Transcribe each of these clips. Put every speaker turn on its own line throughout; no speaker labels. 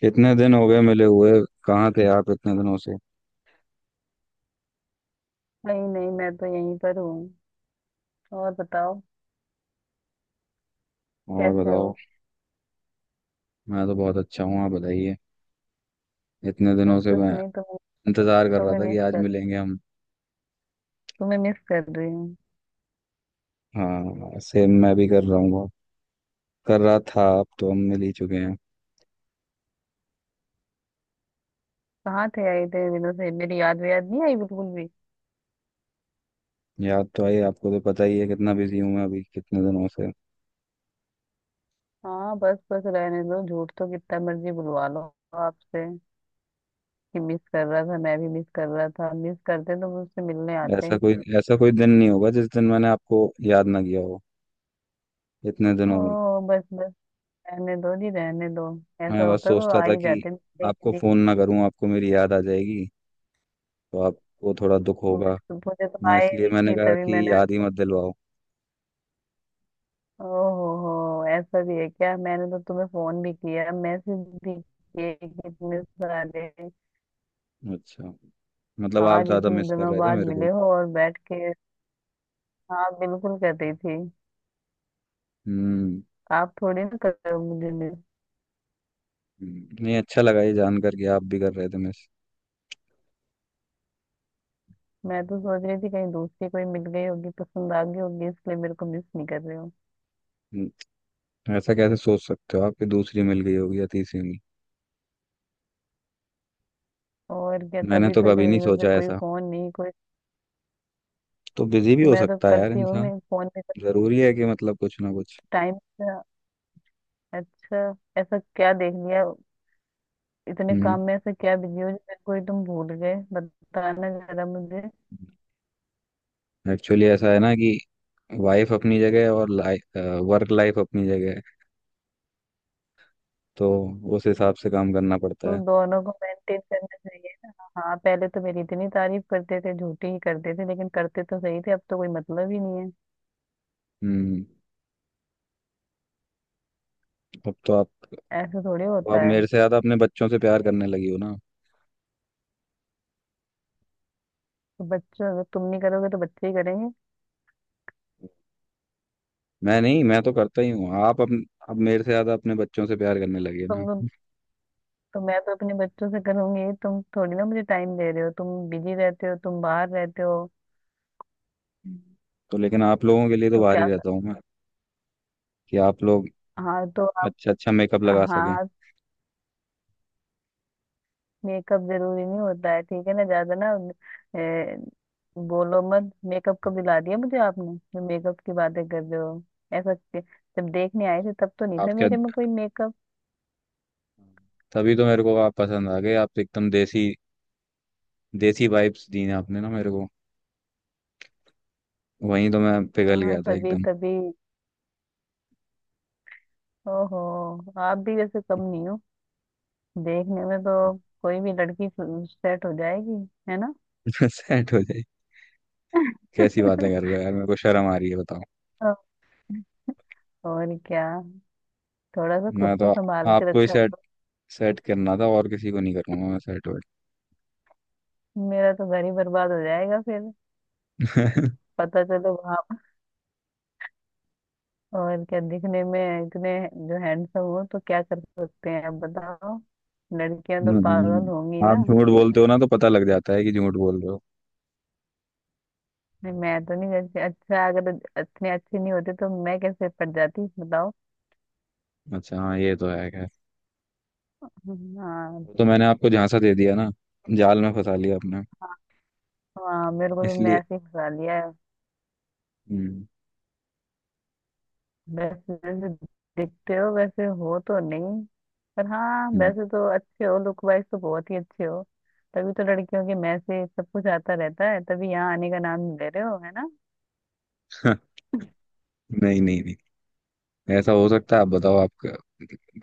कितने दिन हो गए मिले हुए। कहाँ थे आप इतने दिनों से।
नहीं नहीं, मैं तो यहीं पर हूँ। और बताओ,
और
कैसे
बताओ।
हो?
मैं तो बहुत अच्छा हूँ, आप बताइए। इतने दिनों
बस
से
कुछ
मैं
नहीं, तुम।
इंतजार कर रहा
तुम्हें
था कि
मिस
आज
कर
मिलेंगे हम।
तुम्हें मिस कर रही हूँ।
हाँ सेम, मैं भी कर रहा हूँ बहुत। कर रहा था, अब तो हम मिल ही चुके हैं।
कहाँ थे आई, इतने दिनों से मेरी याद याद नहीं आई बिल्कुल भी?
याद तो आई, आपको तो पता ही है कितना बिजी हूँ मैं अभी, कितने दिनों से।
हाँ, बस बस रहने दो, झूठ तो कितना मर्जी बुलवा लो आपसे कि मिस कर रहा था, मैं भी मिस कर रहा था। मिस करते तो मुझसे मिलने आते।
ऐसा कोई दिन नहीं होगा जिस दिन मैंने आपको याद ना किया हो इतने
ओ
दिनों में।
बस बस, रहने दो जी, रहने दो। ऐसा
मैं बस
होता तो
सोचता
आ
था
ही
कि
जाते मिलने के
आपको
लिए।
फोन ना करूँ, आपको मेरी याद आ जाएगी तो आपको थोड़ा दुख होगा।
मुझे तो
मैं
आए
इसलिए
नहीं
मैंने
थी,
कहा
तभी
कि
मैंने।
याद ही मत दिलवाओ।
ओहो, ऐसा भी है क्या? मैंने तो तुम्हें फोन भी किया, मैसेज भी किए, कि इतने सारे।
अच्छा, मतलब आप
आज
ज़्यादा
इतने
मिस कर
दिनों
रहे थे
बाद
मेरे को।
मिले हो और बैठ के। हाँ, बिल्कुल कर रही थी।
हम्म।
आप थोड़ी ना कर रहे हो मुझे मिस।
नहीं, अच्छा लगा ये जान कर कि आप भी कर रहे थे मिस।
मैं तो सोच रही थी कहीं दूसरी कोई मिल गई होगी, पसंद आ गई होगी, इसलिए मेरे को मिस नहीं कर रहे हो।
हम्म, ऐसा कैसे सोच सकते हो आप कि दूसरी मिल गई होगी या तीसरी मिल।
और क्या,
मैंने
तभी
तो
तो इतने
कभी नहीं
दिनों से
सोचा
कोई
ऐसा।
फोन नहीं, कोई।
तो बिजी भी हो
मैं तो
सकता है यार
करती हूँ,
इंसान।
मैं फोन में करती।
ज़रूरी है कि मतलब कुछ ना कुछ।
टाइम। अच्छा। ऐसा क्या देख लिया? इतने
हम्म,
काम में से क्या बिजी हो जो मेरे को ही तुम भूल गए, बताना जरा मुझे।
एक्चुअली ऐसा है ना कि वाइफ अपनी जगह है और लाइफ, वर्क लाइफ अपनी जगह है, तो उस हिसाब से काम करना पड़ता
तो
है।
दोनों को मेंटेन करना चाहिए ना। हाँ, पहले तो मेरी इतनी तारीफ करते थे, झूठी ही करते थे, लेकिन करते तो सही थे, अब तो कोई मतलब ही नहीं है।
हम्म। अब तो आप
ऐसा थोड़ी होता
आप
है।
मेरे से ज़्यादा अपने बच्चों से प्यार करने लगी हो ना।
तो बच्चों, अगर तुम नहीं करोगे तो बच्चे ही करेंगे।
मैं नहीं, मैं तो करता ही हूँ। आप अब मेरे से ज्यादा अपने बच्चों से प्यार करने लगे ना।
तुम तो मैं तो अपने बच्चों से करूंगी, तुम थोड़ी ना मुझे टाइम दे रहे हो, तुम बिजी रहते हो, तुम बाहर रहते हो।
तो लेकिन आप लोगों के लिए तो
तो
बाहर ही
क्या?
रहता हूँ मैं, कि आप लोग
हाँ तो आप।
अच्छा अच्छा मेकअप लगा सकें।
हाँ। मेकअप जरूरी नहीं होता है, ठीक है ना, ज्यादा ना। ए, बोलो मत! मेकअप कब दिला दिया मुझे आपने, जो मेकअप की बातें कर रहे हो? ऐसा कि- जब देखने आए थे तब तो नहीं
आप
था
क्या,
मेरे में कोई मेकअप।
तभी तो मेरे को आप पसंद आ गए। आप तो एकदम देसी, देसी वाइब्स दी ना आपने ना मेरे को। वहीं तो मैं पिघल
हाँ,
गया था
तभी
एकदम।
तभी। ओहो, आप भी वैसे कम नहीं हो, देखने में तो। कोई भी लड़की सेट हो जाएगी, है ना?
सेट हो जाए। कैसी बातें कर रहे हो यार, मेरे को शर्म आ रही है बताओ।
और क्या। थोड़ा सा खुद
मैं
को
तो
संभाल के
आपको ही
रखा
सेट
करो।
सेट करना था, और किसी को नहीं करूंगा मैं सेट।
मेरा तो घर ही बर्बाद हो जाएगा फिर।
वेट।
पता चलो। और क्या, दिखने में इतने जो हैंडसम हो, तो क्या कर सकते हैं अब, बताओ। लड़कियां तो पागल होंगी
आप
ना।
झूठ बोलते हो ना तो पता लग जाता है कि झूठ बोल रहे हो।
नहीं, मैं तो नहीं करती। अच्छा, अगर इतने अच्छे नहीं होते तो मैं कैसे पड़ जाती, बताओ।
अच्छा हाँ, ये तो है खैर।
हाँ।
वो तो मैंने आपको झांसा दे दिया ना, जाल में फंसा लिया आपने
हाँ, मेरे को तुमने
इसलिए।
ऐसे ही फंसा लिया है।
हम्म।
वैसे जैसे दिखते हो वैसे हो तो नहीं, पर हाँ,
हम्म,
वैसे तो अच्छे हो, लुक वाइज तो बहुत ही अच्छे हो। तभी तो लड़कियों के मैसेज सब कुछ आता रहता है, तभी यहाँ आने का नाम नहीं ले रहे हो, है ना?
नहीं नहीं नहीं, ऐसा हो सकता है आप बताओ।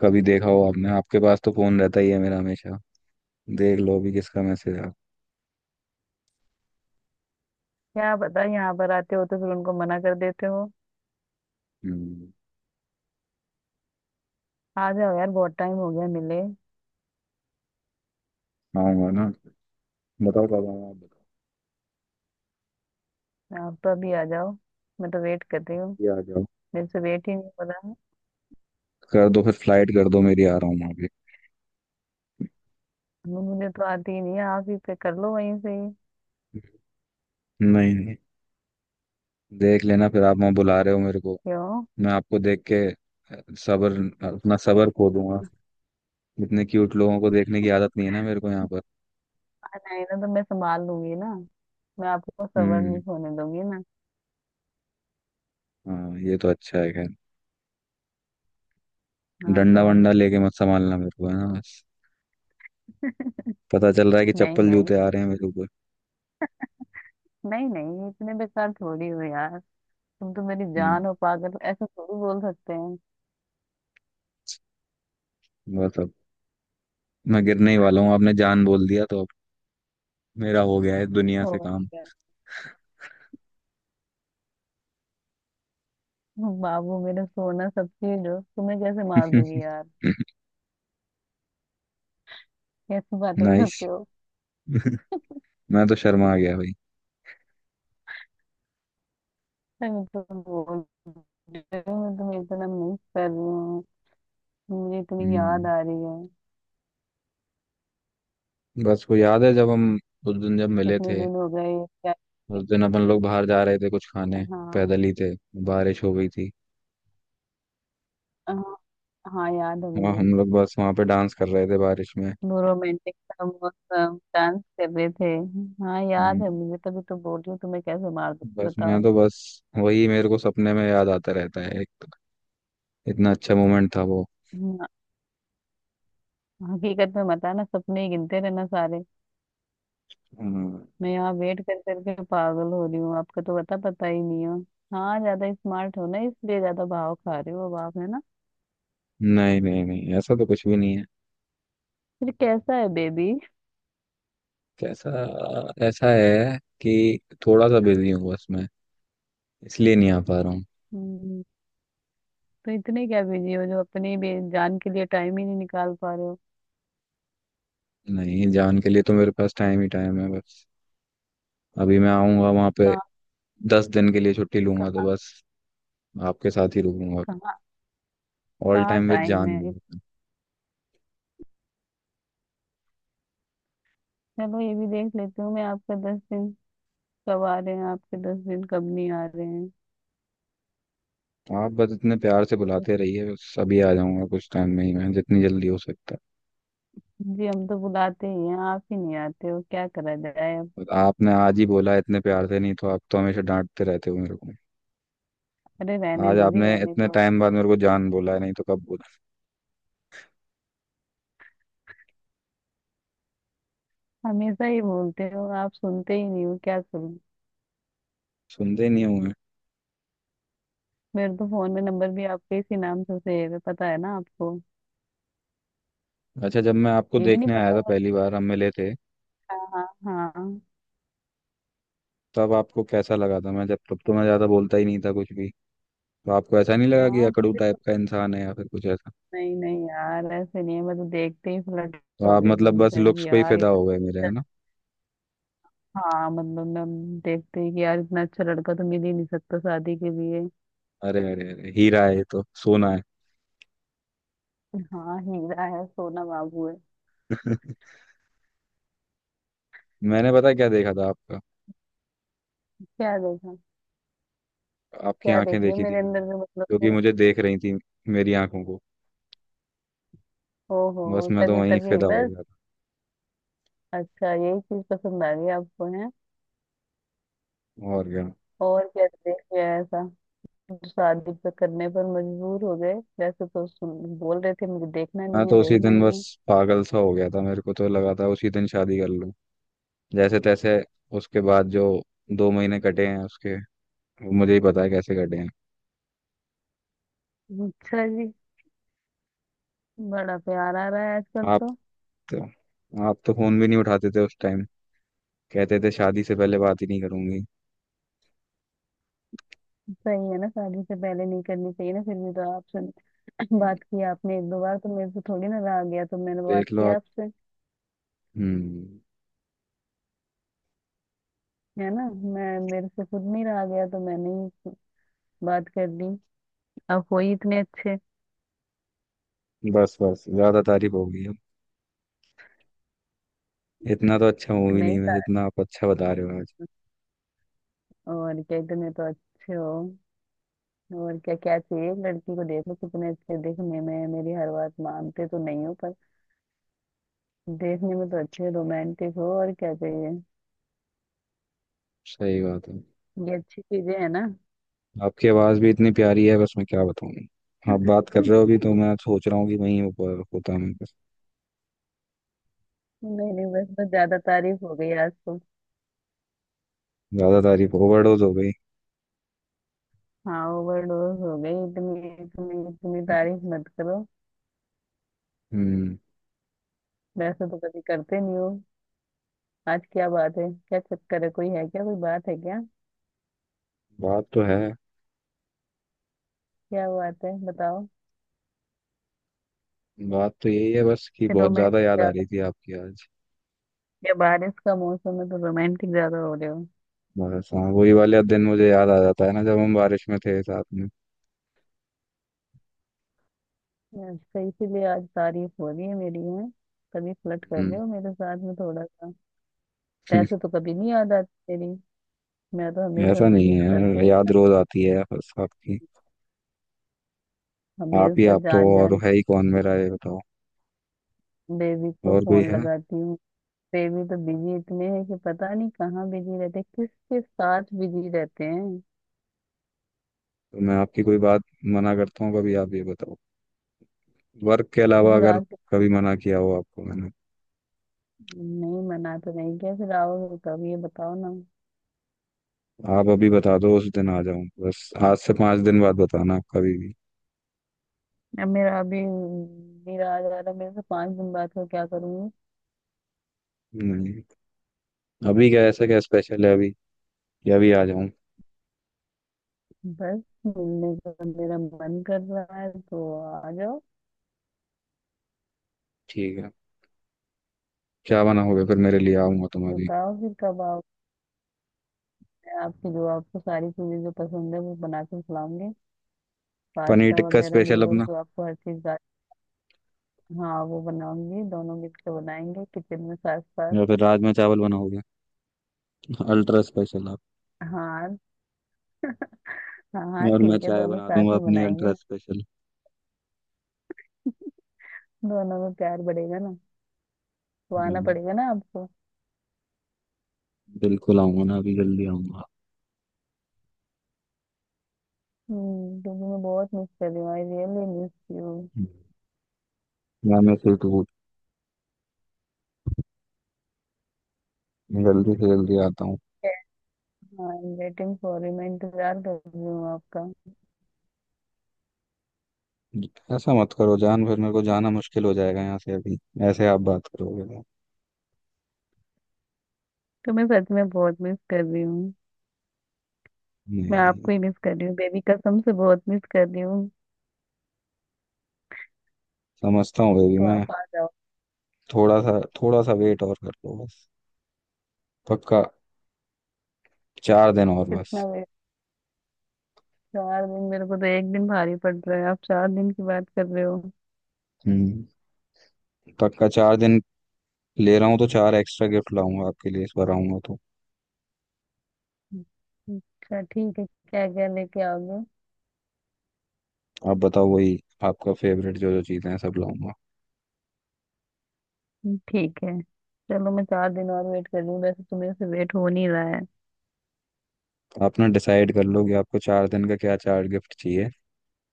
कभी देखा हो आपने, आपके पास तो फोन रहता ही है मेरा हमेशा, देख लो अभी किसका मैसेज आ।
क्या पता, यहाँ पर आते हो तो फिर उनको मना कर देते हो।
हम्म।
आ जाओ यार, बहुत टाइम हो गया मिले।
आऊंगा ना, बताओ कब आऊँ आप बताओ।
आप तो अभी आ जाओ, मैं तो वेट कर रही हूँ,
ये आ जाओ,
मेरे से वेट ही नहीं हो रहा है।
कर दो फिर फ्लाइट कर दो मेरी, आ रहा हूँ वहाँ पे।
मुझे तो आती ही नहीं है, आप ही पे कर लो वहीं से ही।
नहीं नहीं, देख लेना फिर आप वहाँ बुला रहे हो मेरे को।
क्यों?
मैं आपको देख के सबर, अपना सबर खो दूंगा। इतने क्यूट लोगों को देखने की आदत नहीं है ना मेरे को यहाँ पर।
आ जाए ना तो मैं संभाल लूंगी ना, मैं आपको सबर
हम्म।
नहीं होने दूंगी ना।
हाँ ये तो अच्छा है खैर।
हाँ तो
डंडा
अब।
वंडा लेके मत संभालना मेरे को, है ना बस। पता चल रहा है कि
नहीं
चप्पल
नहीं।
जूते आ रहे हैं मेरे ऊपर।
नहीं नहीं, इतने बेकार थोड़ी हो यार। तुम तो मेरी
हम्म।
जान हो पागल, ऐसा थोड़ी बोल सकते हैं।
बस अब मैं गिरने ही वाला हूँ, आपने जान बोल दिया तो अब मेरा हो गया है दुनिया से
और
काम।
क्या। बाबू, मेरा सोना, सब चीज हो, तुम्हें कैसे मार दूंगी यार? कैसी बातें
नाइस।
करते हो?
मैं तो शर्मा आ गया भाई।
अरे, मैं तो बोल रही हूँ, मैं तुम्हें इतना मिस कर रही हूँ, मुझे इतनी याद
हम्म।
आ रही है।
बस वो याद है जब हम, उस दिन जब मिले
कितने
थे,
दिन हो गए? क्या?
उस दिन अपन लोग बाहर जा रहे थे कुछ खाने,
हाँ।
पैदल ही थे, बारिश हो गई थी,
हाँ। हाँ, याद है
वहाँ
मुझे।
हम लोग बस वहाँ पे डांस कर रहे थे बारिश में।
वो रोमांटिक डांस कर रहे थे। हाँ,
हम्म,
याद है मुझे, तभी तो बोल रही हूँ तुम्हें कैसे मार दूँ,
बस मैं
बताओ।
तो बस वही मेरे को सपने में याद आता रहता है एक, तो इतना अच्छा मोमेंट था वो।
हाँ, हकीकत में मत आना, सपने ही गिनते रहना सारे।
हम्म,
मैं यहाँ वेट कर करके पागल हो रही हूँ, आपका तो पता पता ही नहीं हो। हाँ, ज्यादा स्मार्ट हो ना, इसलिए ज्यादा भाव खा रहे हो अब आप, है ना?
नहीं नहीं नहीं, ऐसा तो कुछ भी नहीं है।
फिर कैसा है बेबी?
कैसा, ऐसा है कि थोड़ा सा बिजी हूँ बस मैं, इसलिए नहीं आ पा रहा हूँ।
हम्म, तो इतने क्या बिजी हो जो अपनी जान के लिए टाइम ही नहीं निकाल पा रहे हो?
नहीं, जान के लिए तो मेरे पास टाइम ही टाइम है बस। अभी मैं आऊंगा वहाँ पे,
कहाँ।
10 दिन के लिए छुट्टी लूंगा तो
कहाँ।
बस आपके साथ ही रुकूंगा।
कहाँ।
ऑल
कहाँ
टाइम विद
टाइम
जान
है?
है।
चलो, ये भी देख लेती हूँ मैं आपका 10 दिन। कब आ रहे हैं आपके 10 दिन, कब नहीं आ रहे हैं?
आप बस इतने प्यार से
मतलब,
बुलाते रहिए, बस अभी आ जाऊंगा कुछ टाइम में ही, मैं जितनी जल्दी हो सकता है।
जी, हम तो बुलाते ही हैं, आप ही नहीं आते हो, क्या करा जाए अब?
और आपने आज ही बोला है इतने प्यार से, नहीं तो आप तो हमेशा डांटते रहते हो मेरे को।
अरे रहने
आज
दो जी,
आपने
रहने
इतने
दो।
टाइम बाद मेरे को जान बोला है, नहीं तो कब बोला।
हमेशा ही बोलते हो आप, सुनते ही नहीं हो, क्या करूँ?
सुनते ही नहीं हुए।
मेरे तो फोन में नंबर भी आपके इसी नाम से सेव है, पता है ना आपको?
अच्छा, जब मैं आपको
ये भी
देखने
नहीं
आया
पता
था
होगा।
पहली बार हम मिले थे,
हाँ हाँ।
तब आपको कैसा लगा था? मैं जब, तब तो मैं ज्यादा बोलता ही नहीं था कुछ भी, तो आपको ऐसा नहीं लगा कि
हाँ तो
अकड़ू
फिर।
टाइप का इंसान है या फिर कुछ ऐसा?
नहीं नहीं यार, ऐसे नहीं है, मैं तो देखते ही फ्लर्ट
तो
हो
आप
गई
मतलब बस
तुमसे
लुक्स
कि
पे ही
यार
फिदा
इतना।
हो गए मेरे, है ना?
हाँ मतलब, मैं देखते ही कि यार, इतना अच्छा लड़का तो मिल ही नहीं सकता शादी के लिए।
अरे अरे अरे, हीरा है ये तो, सोना
हाँ, हीरा है, सोना बाबू है।
है। मैंने पता क्या देखा था आपका?
क्या देखा?
आपकी
क्या देख
आंखें
लिया
देखी थी
मेरे अंदर
मैंने,
में मतलब
जो कि
तुमने?
मुझे देख रही थी मेरी आंखों को।
ओहो,
बस मैं तो
तभी
वहीं
तभी
फिदा हो
बस।
गया
अच्छा, यही चीज पसंद आ गई आपको, है।
था, और क्या।
और क्या देख लिया ऐसा जो शादी पे करने पर मजबूर हो गए? वैसे तो सुन बोल रहे थे मुझे देखना
मैं
नहीं
तो
है,
उसी
देखना
दिन बस
नहीं
पागल सा हो गया था, मेरे को तो लगा था उसी दिन शादी कर लूं जैसे तैसे। उसके बाद जो 2 महीने कटे हैं उसके, वो मुझे ही पता है कैसे कटे हैं।
है। अच्छा जी, बड़ा प्यार आ रहा है आजकल
आप
तो।
तो आप तो फोन भी नहीं उठाते थे उस टाइम, कहते थे शादी से पहले बात ही नहीं करूंगी।
सही है ना, शादी से पहले नहीं करनी चाहिए ना। फिर भी तो आपसे
हम्म,
बात किया आपने एक दो बार, तो मेरे से थोड़ी ना रहा गया, तो मैंने बात
देख लो
किया
आप।
आपसे,
हम्म।
है ना? मैं मेरे से खुद नहीं रहा गया तो मैंने ही बात कर दी। आप हो ही इतने अच्छे।
बस बस, ज्यादा तारीफ होगी, इतना तो अच्छा मूवी नहीं
नहीं
है
था।
जितना आप अच्छा बता रहे हो आज।
और क्या, इतने तो अच्छे हो, और क्या क्या चाहिए एक लड़की को, देखो कितने अच्छे दिखने में है। मेरी हर बात मानते तो नहीं हो, पर देखने में तो अच्छे, रोमांटिक हो, और क्या चाहिए?
सही बात है।
ये अच्छी चीजें है ना।
आपकी आवाज़ भी इतनी प्यारी है, बस मैं क्या बताऊँ। आप बात कर रहे हो अभी तो मैं सोच रहा हूँ कि वहीं ऊपर होता मैं बस।
नहीं नहीं, बस बस, ज्यादा तारीफ हो गई आज तो।
ज़्यादा तारीफ, ओवरडोज हो गई।
हाँ, ओवरडोज हो गई, इतनी इतनी इतनी तारीफ मत करो।
हम्म।
वैसे तो कभी करते नहीं हो, आज क्या बात है, क्या चक्कर है, कोई है क्या, कोई बात है क्या?
बात तो है।
क्या बात है, बताओ।
बात तो यही है बस कि बहुत ज़्यादा
रोमांटिक
याद आ
ज्यादा,
रही थी आपकी आज।
या बारिश का मौसम है तो रोमांटिक ज्यादा हो रहे हो?
बस हाँ, वही वाले दिन मुझे याद आ जाता है ना जब हम बारिश में थे साथ में।
अच्छा, इसीलिए आज तारीफ हो रही है मेरी, है? तभी फ्लर्ट कर
हम्म।
रहे हो मेरे साथ में थोड़ा सा। पैसे तो कभी नहीं याद आती मेरी, मैं तो हमेशा
ऐसा नहीं
मिस करती
है,
हूँ,
याद रोज आती है बस आपकी। आप ही,
हमेशा
आप तो,
जान
और
जान।
है ही कौन मेरा ये बताओ,
बेबी को
और कोई
फोन
है?
लगाती हूँ, वे भी तो बिजी इतने हैं कि पता नहीं कहाँ बिजी रहते हैं, किसके साथ बिजी रहते हैं।
तो मैं आपकी कोई बात मना करता हूँ कभी? आप ये बताओ, वर्क के
तो
अलावा
फिर
अगर
आज?
कभी मना किया हो आपको मैंने।
नहीं, मना तो नहीं किया, फिर आओगे कब ये बताओ ना।
आप अभी बता दो उस दिन आ जाऊं, बस आज से 5 दिन बाद बताना आप कभी भी।
अब मेरा अभी, मेरा आ जा रहा, मेरे से 5 दिन बाद का क्या करूंगी?
नहीं, अभी क्या ऐसा क्या स्पेशल है अभी, या अभी आ जाऊं?
बस मिलने का मेरा मन कर रहा है तो आ जाओ।
ठीक है। क्या बना होगा फिर मेरे लिए, आऊंगा तुम अभी?
बताओ फिर कब आओगे? आपकी जो आपको सारी चीजें जो पसंद है वो बना के खिलाऊंगी,
पनीर
पास्ता
टिक्का
वगैरह
स्पेशल
नूडल्स,
अपना,
जो आपको हर चीज। हाँ वो बनाऊंगी, दोनों मिलकर बनाएंगे किचन में साथ साथ।
या फिर राजमा चावल बना होगा अल्ट्रा स्पेशल आप?
हाँ हाँ हाँ,
और मैं
ठीक है,
चाय
दोनों
बना
साथ
दूंगा
में
अपनी
बनाएंगे
अल्ट्रा
ना,
स्पेशल।
दोनों में प्यार बढ़ेगा ना। तो आना
हम्म,
पड़ेगा ना आपको।
बिल्कुल आऊंगा ना अभी, जल्दी आऊंगा।
हम्म, क्योंकि मैं बहुत मिस कर रही हूँ, I really miss you.
Hmm, या मैं फिर तो जल्दी से जल्दी आता हूँ।
I am waiting for you, मैं इंतजार कर रही हूँ आपका।
ऐसा मत करो जान, फिर मेरे को जाना मुश्किल हो जाएगा यहाँ से अभी, ऐसे आप बात करोगे तो।
तो मैं सच में बहुत मिस कर रही हूँ, मैं
नहीं।
आपको ही मिस कर रही हूँ बेबी, कसम से बहुत मिस कर रही हूँ।
समझता हूँ बेबी
तो
मैं।
आप आ जाओ।
थोड़ा सा वेट और कर लो बस, पक्का। 4 दिन और बस।
कितना वेट? 4 दिन? मेरे को तो एक दिन भारी पड़ रहा है, आप चार दिन की बात कर रहे हो?
हम्म, पक्का 4 दिन ले रहा हूँ तो चार एक्स्ट्रा गिफ्ट लाऊंगा आपके लिए इस बार, आऊंगा तो।
अच्छा ठीक है, क्या क्या लेके आओगे?
आप बताओ, वही आपका फेवरेट जो जो चीज़ें हैं सब लाऊंगा।
ठीक है, चलो, मैं 4 दिन और वेट कर रही हूँ, वैसे तो मेरे से वेट हो नहीं रहा है।
आप ना डिसाइड कर लो कि आपको 4 दिन का क्या चार गिफ्ट चाहिए,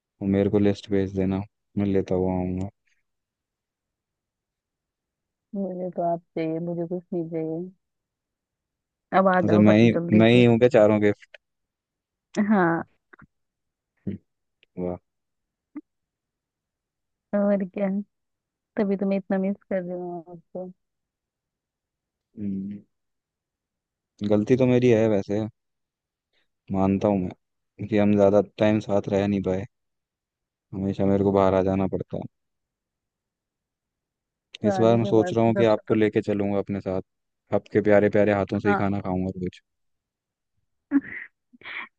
और मेरे को लिस्ट भेज देना, मैं लेता हुआ आऊंगा।
मुझे तो आप चाहिए, मुझे कुछ नहीं चाहिए। अब आ
अच्छा,
जाओ
मैं
फट
ही
जल्दी
मैं ही
से।
हूँ क्या चारों गिफ्ट?
हाँ।
वाह।
और क्या, तभी तो मैं इतना मिस कर रही हूँ आपको।
हम्म, गलती तो मेरी है वैसे, मानता हूँ मैं कि हम ज़्यादा टाइम साथ रह नहीं पाए, हमेशा मेरे को बाहर आ जाना पड़ता। इस बार
शादी
मैं
के
सोच
बाद
रहा
से
हूँ कि
सबसे
आपको
तो।
लेके चलूंगा अपने साथ, आपके प्यारे प्यारे हाथों से ही
हाँ
खाना खाऊंगा कुछ।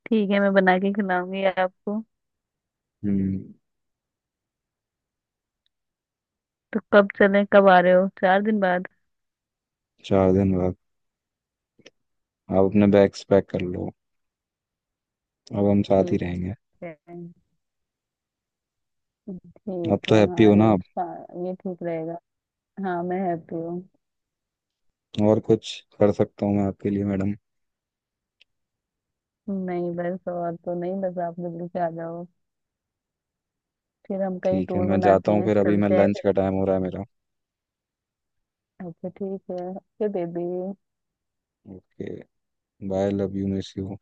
ठीक है, मैं बना के खिलाऊंगी आपको।
हम्म।
तो कब चले, कब आ रहे हो, 4 दिन बाद?
4 दिन बाद आप अपने बैग्स पैक कर लो, अब हम साथ ही
ठीक
रहेंगे।
है।
अब
ठीक
तो
है
हैप्पी
हाँ,
हो ना
ये
आप?
ये ठीक रहेगा। हाँ मैं हैप्पी हूँ।
और कुछ कर सकता हूँ मैं आपके लिए मैडम?
नहीं, बस और तो नहीं, बस आप जल्दी से आ जाओ, फिर हम कहीं
ठीक है,
टूर
मैं जाता
बनाते
हूँ
हैं,
फिर अभी, मैं
चलते हैं
लंच
फिर।
का टाइम हो रहा है मेरा।
अच्छा ठीक है, okay baby.
Okay, bye, love you, miss you.